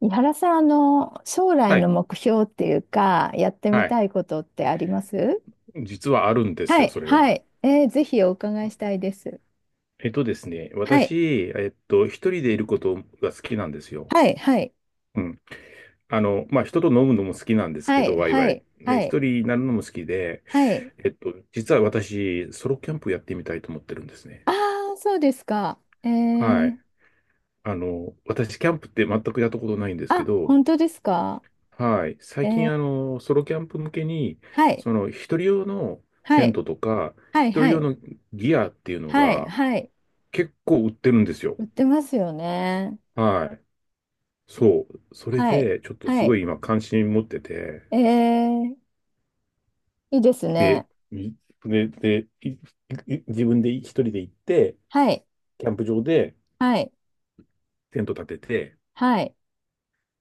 井原さん、将来はのい。目標っていうか、やってみはい。たいことってあります？実はあるんですはよ、そい、れはが。い。ぜひお伺いしたいです。えっとですね、はい、私、一人でいることが好きなんですよ。はい、はい、うん。まあ、人と飲むのも好きなんですけはい、ど、ワイワはイ。い、ね、は一い、人になるのも好きで、はい。実は私、ソロキャンプやってみたいと思ってるんですね。ああ、そうですか。はい。私、キャンプって全くやったことないんですけあ、ど、本当ですか？はい。え最ー、近、ソロキャンプ向けに、はい、一人用のはテンい、トとか、は一い、人は用い、のギアっていうのはい、が、はい。結構売ってるんですよ。売ってますよね。はい。そう。それはい、で、ちょっとすはごい。い今関心持ってて、えー、いいですで、ね。いで、自分で一人で行って、はい、キャンプ場ではい、テント立てて、はい、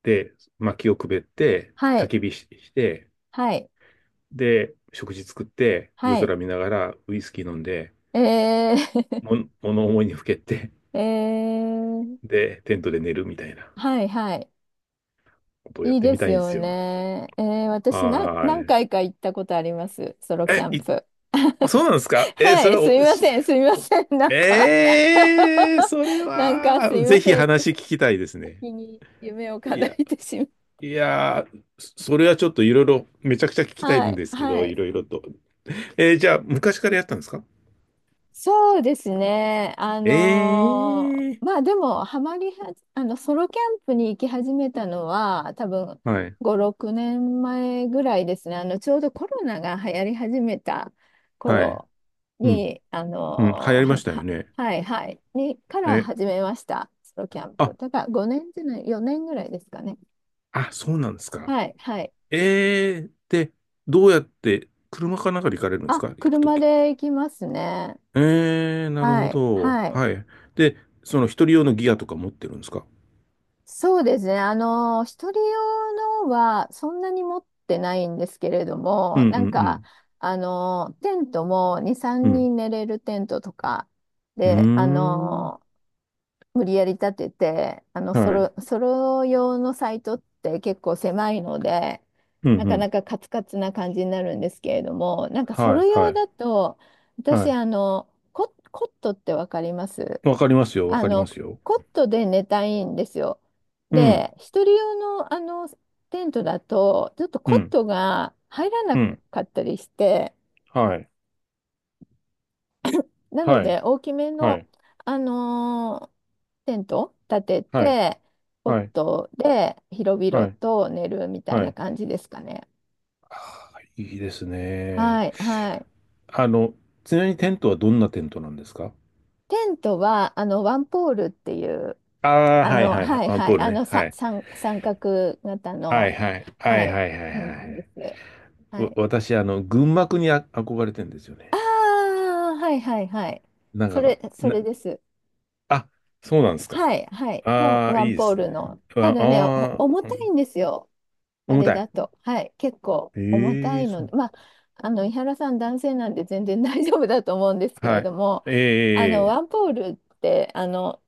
で、薪をくべって、は焚い、き火し、して、はい、で、食事作って、夜はい。空見ながらウイスキー飲んで、えー、物思いにふけって、えー、で、テントで寝るみたいなはいはい。ことをやっいいてでみたすいんでよすよ。ね。私な、は何ーい。回か行ったことあります。ソロキえ、ャンいプ。あ、そうなんですか？ えーはそれい、すみを、ましせん、すみまおせん。なんか えー、それ なんかすは、みまぜひせん。話聞先きたいですね。に夢をい叶や、えてしまう。いやー、それはちょっといろいろ、めちゃくちゃ聞 きたいはんい、ですけはど、いい。ろいろと。じゃあ、昔からやったんですか？そうですね。ええー、まあでも、ハマりは、ソロキャンプに行き始めたのは、多分はい、5、6年前ぐらいですね。ちょうどコロナが流行り始めたはい、頃うん、に、うん、流行りましたよね。はいはい、に、からえ、始めました。ソロキャンプ。あ、だから5年じゃない、4年ぐらいですかね。あ、そうなんですか。はいはい。ええー、で、どうやって、車かなんかで行かれるんですあ、か？行くと車き。で行きますね。ええ、なるほはいど。はい。はい。で、その一人用のギアとか持ってるんですか？そうですね。一人用のはそんなに持ってないんですけれどうも、んうなんか、んテントも2、う3ん。人寝れるテントとかうで、ん。うーん。無理やり立てて、ソはい。ロ、ソロ用のサイトって結構狭いので、うんなうかん。なかカツカツな感じになるんですけれども、なんかソはロいは用い。だと、は私、い。コットってわかります？わかりますよ。わあかりまの、すよ。コットで寝たいんですよ。うん。で、一人用の、テントだと、ちょっとうコッん。トが入らなうん。かったりして、はい。なのはい。で大きめはの、い。あのテント立てはい。て、コッはい。トで広は々い。と寝るみたいはない。感じですかね。ああ、いいですはね。い、はい。あの、ちなみにテントはどんなテントなんですか？テントは、ワンポールっていう、ああー、はいはいはい。ワンポールね。はい。三角型はいの、はい。ははいい、はいはいはテントでい。す。はわい。私、群幕に憧れてんですよあね。あ、はいはいはい。なんそか、れ、それです。あ、そうなんですか。はい、はい、のああ、ワいンいでポーすね。ルの。たああだね、重ー、うたいん、んですよ。あ重れたい。だと。はい、結構重たええいそのう。で、まあ、井原さん男性なんで全然大丈夫だと思うんですけれどはも、い。えワえ、ンポールって、あの、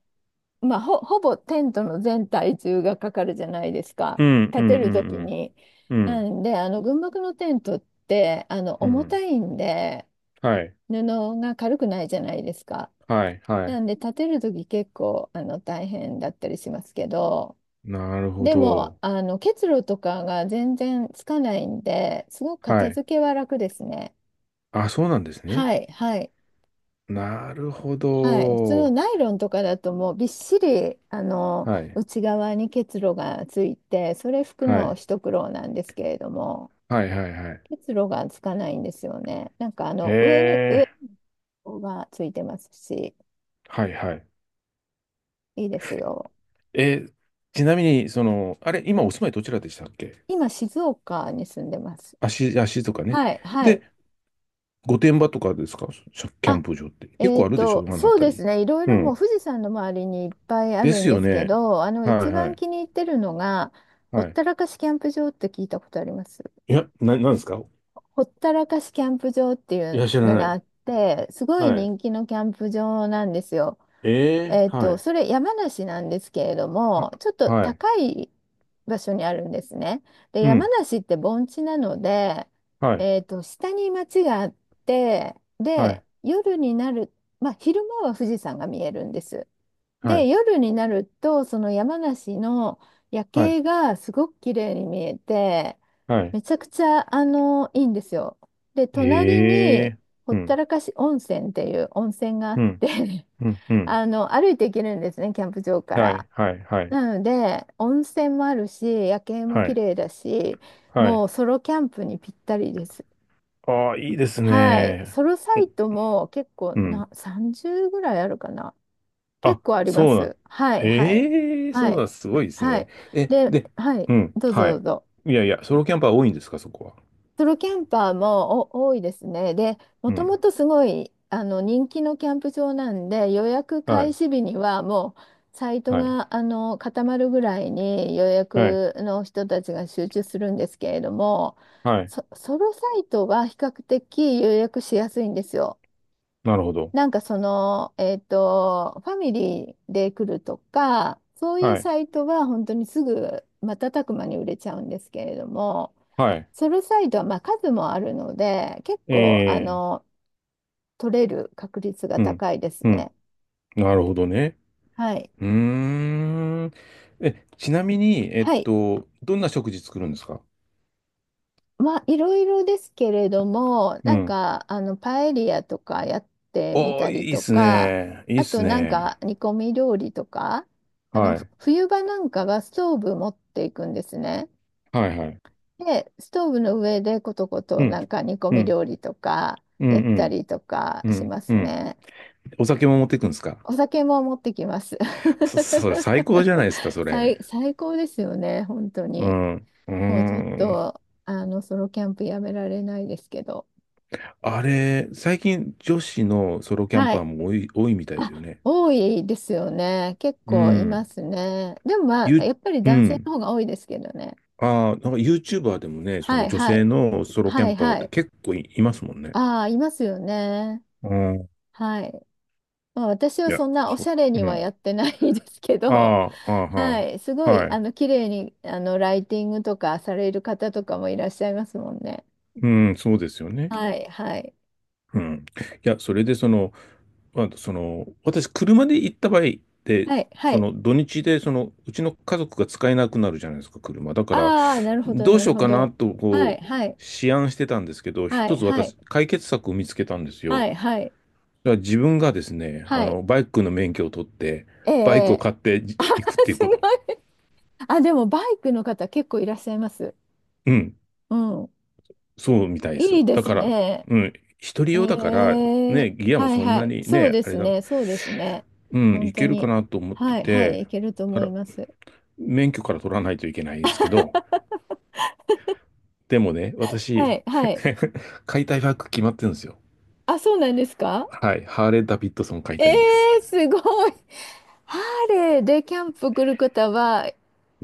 まあ、ほ、ほぼテントの全体重がかかるじゃないですか、うん、う立ん、てうるときん、に。うなん、んで、軍幕のテントってうん、う重たん。いんで、はい、布が軽くないじゃないですか。はい、はない。んで立てるとき結構大変だったりしますけど、なるほでもど。結露とかが全然つかないんで、すごくは片い。付けは楽ですね。あ、そうなんですね。はい、はい、なるほはい。普通のど。ナイロンとかだともうびっしりはい、内側に結露がついて、それ拭くはのい、一苦労なんですけれども、はい、はい、はい。結露がつかないんですよね。なんか上に上ええ、がついてますし、はい、はい。いいですよ。えーちなみに、その、あれ、今お住まいどちらでしたっけ？今静岡に住んでます。足、足とかね。はい、はい。で、御殿場とかですか？キャあ、ンプ場って。結構あるでしょ？あのあそうたですり。ね、いろいうろもうん。富士山の周りにいっぱいあでるんすでよすけね。ど、は一いは番い。気に入ってるのが、ほっはい。たらかしキャンプ場って聞いたことあります？いや、なんですか？ほったらかしキャンプ場っていいうや、知らのながあい。って、すごいはい。人気のキャンプ場なんですよ。ええ、はい。それ山梨なんですけれどあ、も、ちょっとはい。高い場所にあるんですね。で、う山ん。梨って盆地なので、はい。下に町があって、はい。で、夜になる、まあ、昼間は富士山が見えるんです。はで、い。夜になると、その山梨の夜はい。景がすごく綺麗に見えて、はい。めちゃくちゃ、いいんですよ。で、隣えに、え、ほっうたん。らかし温泉っていう温泉があうっん。て、うん。うん。歩いて行けるんですね、キャンプ場かはい。ら。はい。はい。なので、温泉もあるし、夜景もは綺い。麗だし、はもい。うソロキャンプにぴったりです。ああ、いいですはい。ね。ソロサイトも結構うん。な、30ぐらいあるかな。あ、結構ありまそうなん。す。はい、はい。ええ、はそうなん、い。すごいですはね。い。え、で、で、はい。うん、どうぞはどい。うぞ。いやいや、ソロキャンパー多いんですか、そこは？ソロキャンパーも多いですね。で、もうとん。もとすごい人気のキャンプ場なんで、予約は開い、始日にはもうサイトはい、が固まるぐらいに予はい、約の人たちが集中するんですけれども、はい。ソロサイトは比較的予約しやすいんですよ。なるほど。なんかその、ファミリーで来るとか、そういうはい、サイトは本当にすぐ瞬く間に売れちゃうんですけれども。はい。ソルサイドはまあ数もあるので、結構ええ、取れる確率がうん、高いですうん。ね。なるほどね。はい。うーん。え、ちなみに、はい。どんな食事作るんですか？まあいろいろですけれども、うなんん。かパエリアとかやってみおたー、りいいっとすか、ね。いいっあすとなんね。か煮込み料理とか、あのはふい、冬場なんかはストーブ持っていくんですね。はい、はい。で、ストーブの上でコトコうトん、なんか煮込うみん、料理とかうん、やっうたん、りとかうしん、まうすん。ね。お酒も持っていくんですか？お酒も持ってきます。それ最高じゃない ですか、それ。最、最高ですよね、本当うに。ん。うーもうちょっん。と、ソロキャンプやめられないですけど。あれ、最近女子のソロキャンはパーい。も多い、多いみたいですよあ、ね。多いですよね。結う構いまん。すね。でもまあ、ゆ、やっぱりう男性ん。の方が多いですけどね。ああ、なんか YouTuber でもね、そはのい女は性い。のソロキャはンいパーっはてい。結構いますもんね。ああ、いますよね。うん。いはい。まあ、私はや、そんなおそしゃれう。うにはん。やってないですけあど、あ、ああ、ははい、すあ、ごはいい。綺麗にライティングとかされる方とかもいらっしゃいますもんね。うん、そうですよね。はいはいうん。いや、それで、まあ、私、車で行った場合って、はいはそい。の土日で、うちの家族が使えなくなるじゃないですか、車。だから、ああ、なるほどどうなしるようほかなど。と、はいこう、はい思案してたんですけど、は一いつはい私、解決策を見つけたんですよ。だはかいはいら自分がですね、はい。バイクの免許を取って、えバイクをえ、買ってあー、 行くっ ていうすこごい。と。あ、でもバイクの方結構いらっしゃいます。うん、うん。そうみたいですいよ。いでだすから、ね。うん、一人用だから、ね、ギアもはいそんはない。にそうね、であすれだ、ね、そうですね。うん、本い当けるかに。なと思ってはいはい、て、いけるとだか思いら、ます。免許から取らないといけないんですけど、でもね、私、はいはい。買いたいバイク決まってるんですよ。あ、そうなんですか？はい。ハーレー・ダビッドソン買いえたいんです。すごい。ハーレーでキャンプ来る方は、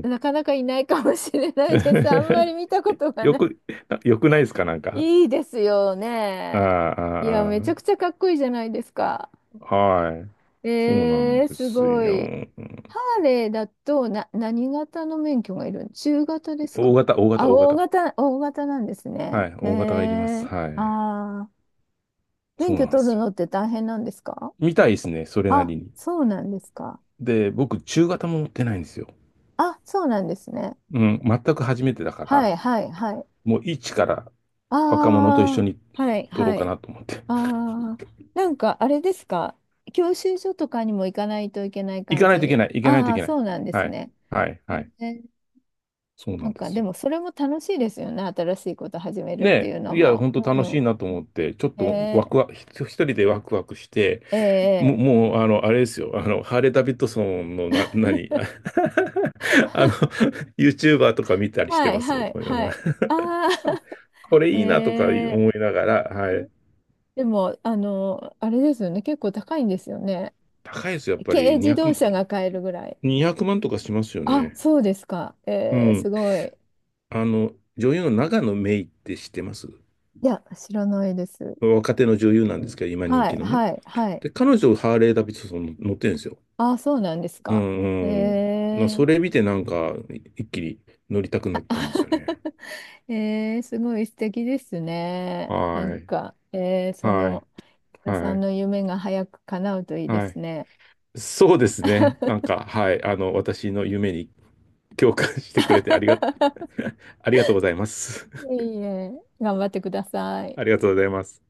なかなかいないかもしれないです。あんまり 見たことがよない。く、よくないですかなんか？いいですよあね。いや、あ、めちゃあくちゃかっこいいじゃないですか。あ、はい。そうなんですすごよ。い。ハーレーだとな、何型の免許がいる？中型です大か？型、大型、あ、大型。大型なんですはね。い。大型がいります。ー、はい。あー、そ免う許なんで取するのよ。って大変なんですか？見たいですね。それなあ、りに。そうなんですか。で、僕、中型も持ってないんですよ。あ、そうなんですね。うん。全く初めてだかはら、い、はい、はい。もう一から若者と一緒あー、にはい、撮ろうはかい。なと思って。あー、なんかあれですか？教習所とかにも行かないといけない行か感ないといけじ。ない、行かないといあー、けない。そうなんではすい、ね。はい、はい。そうななんんでかすでよ。もそれも楽しいですよね。新しいこと始めるってねいうえ、のいや、も。本当楽しういなと思って、ちょっん。とワクワク、一人でワクワクして、ー、えーも、えーもう、あれですよ、ハーレー・ダビッドソンの何、の、YouTuber とか見たりしてはいますよ、はといか言いなはがい。あら あ、 これ いいなとかえ思いながら、はー、い。でも、あれですよね。結構高いんですよね。高いですよ、やっぱ軽り自200、動車が買えるぐらい。200万とかしますよあ、ね。そうですか。うすん。ごい。女優の永野芽郁って知ってます？いや、知らないです。若手の女優なんですけど、今人は気いのね。はいはい。で、彼女、ハーレー・ダビッドソン乗ってるんですよ。ああ、そうなんですうか。えんうん。そー れ見てなんか、一気に乗りたくなったんですよね。すごい素敵ですね。なはんい。か、そはい。の、原さはんい。の夢が早く叶うといいではすい。ね。そうですね。なんか、はい。私の夢に共感してくれてありが、ありがとうございます。い えいえ、頑張ってください。ありがとうございます。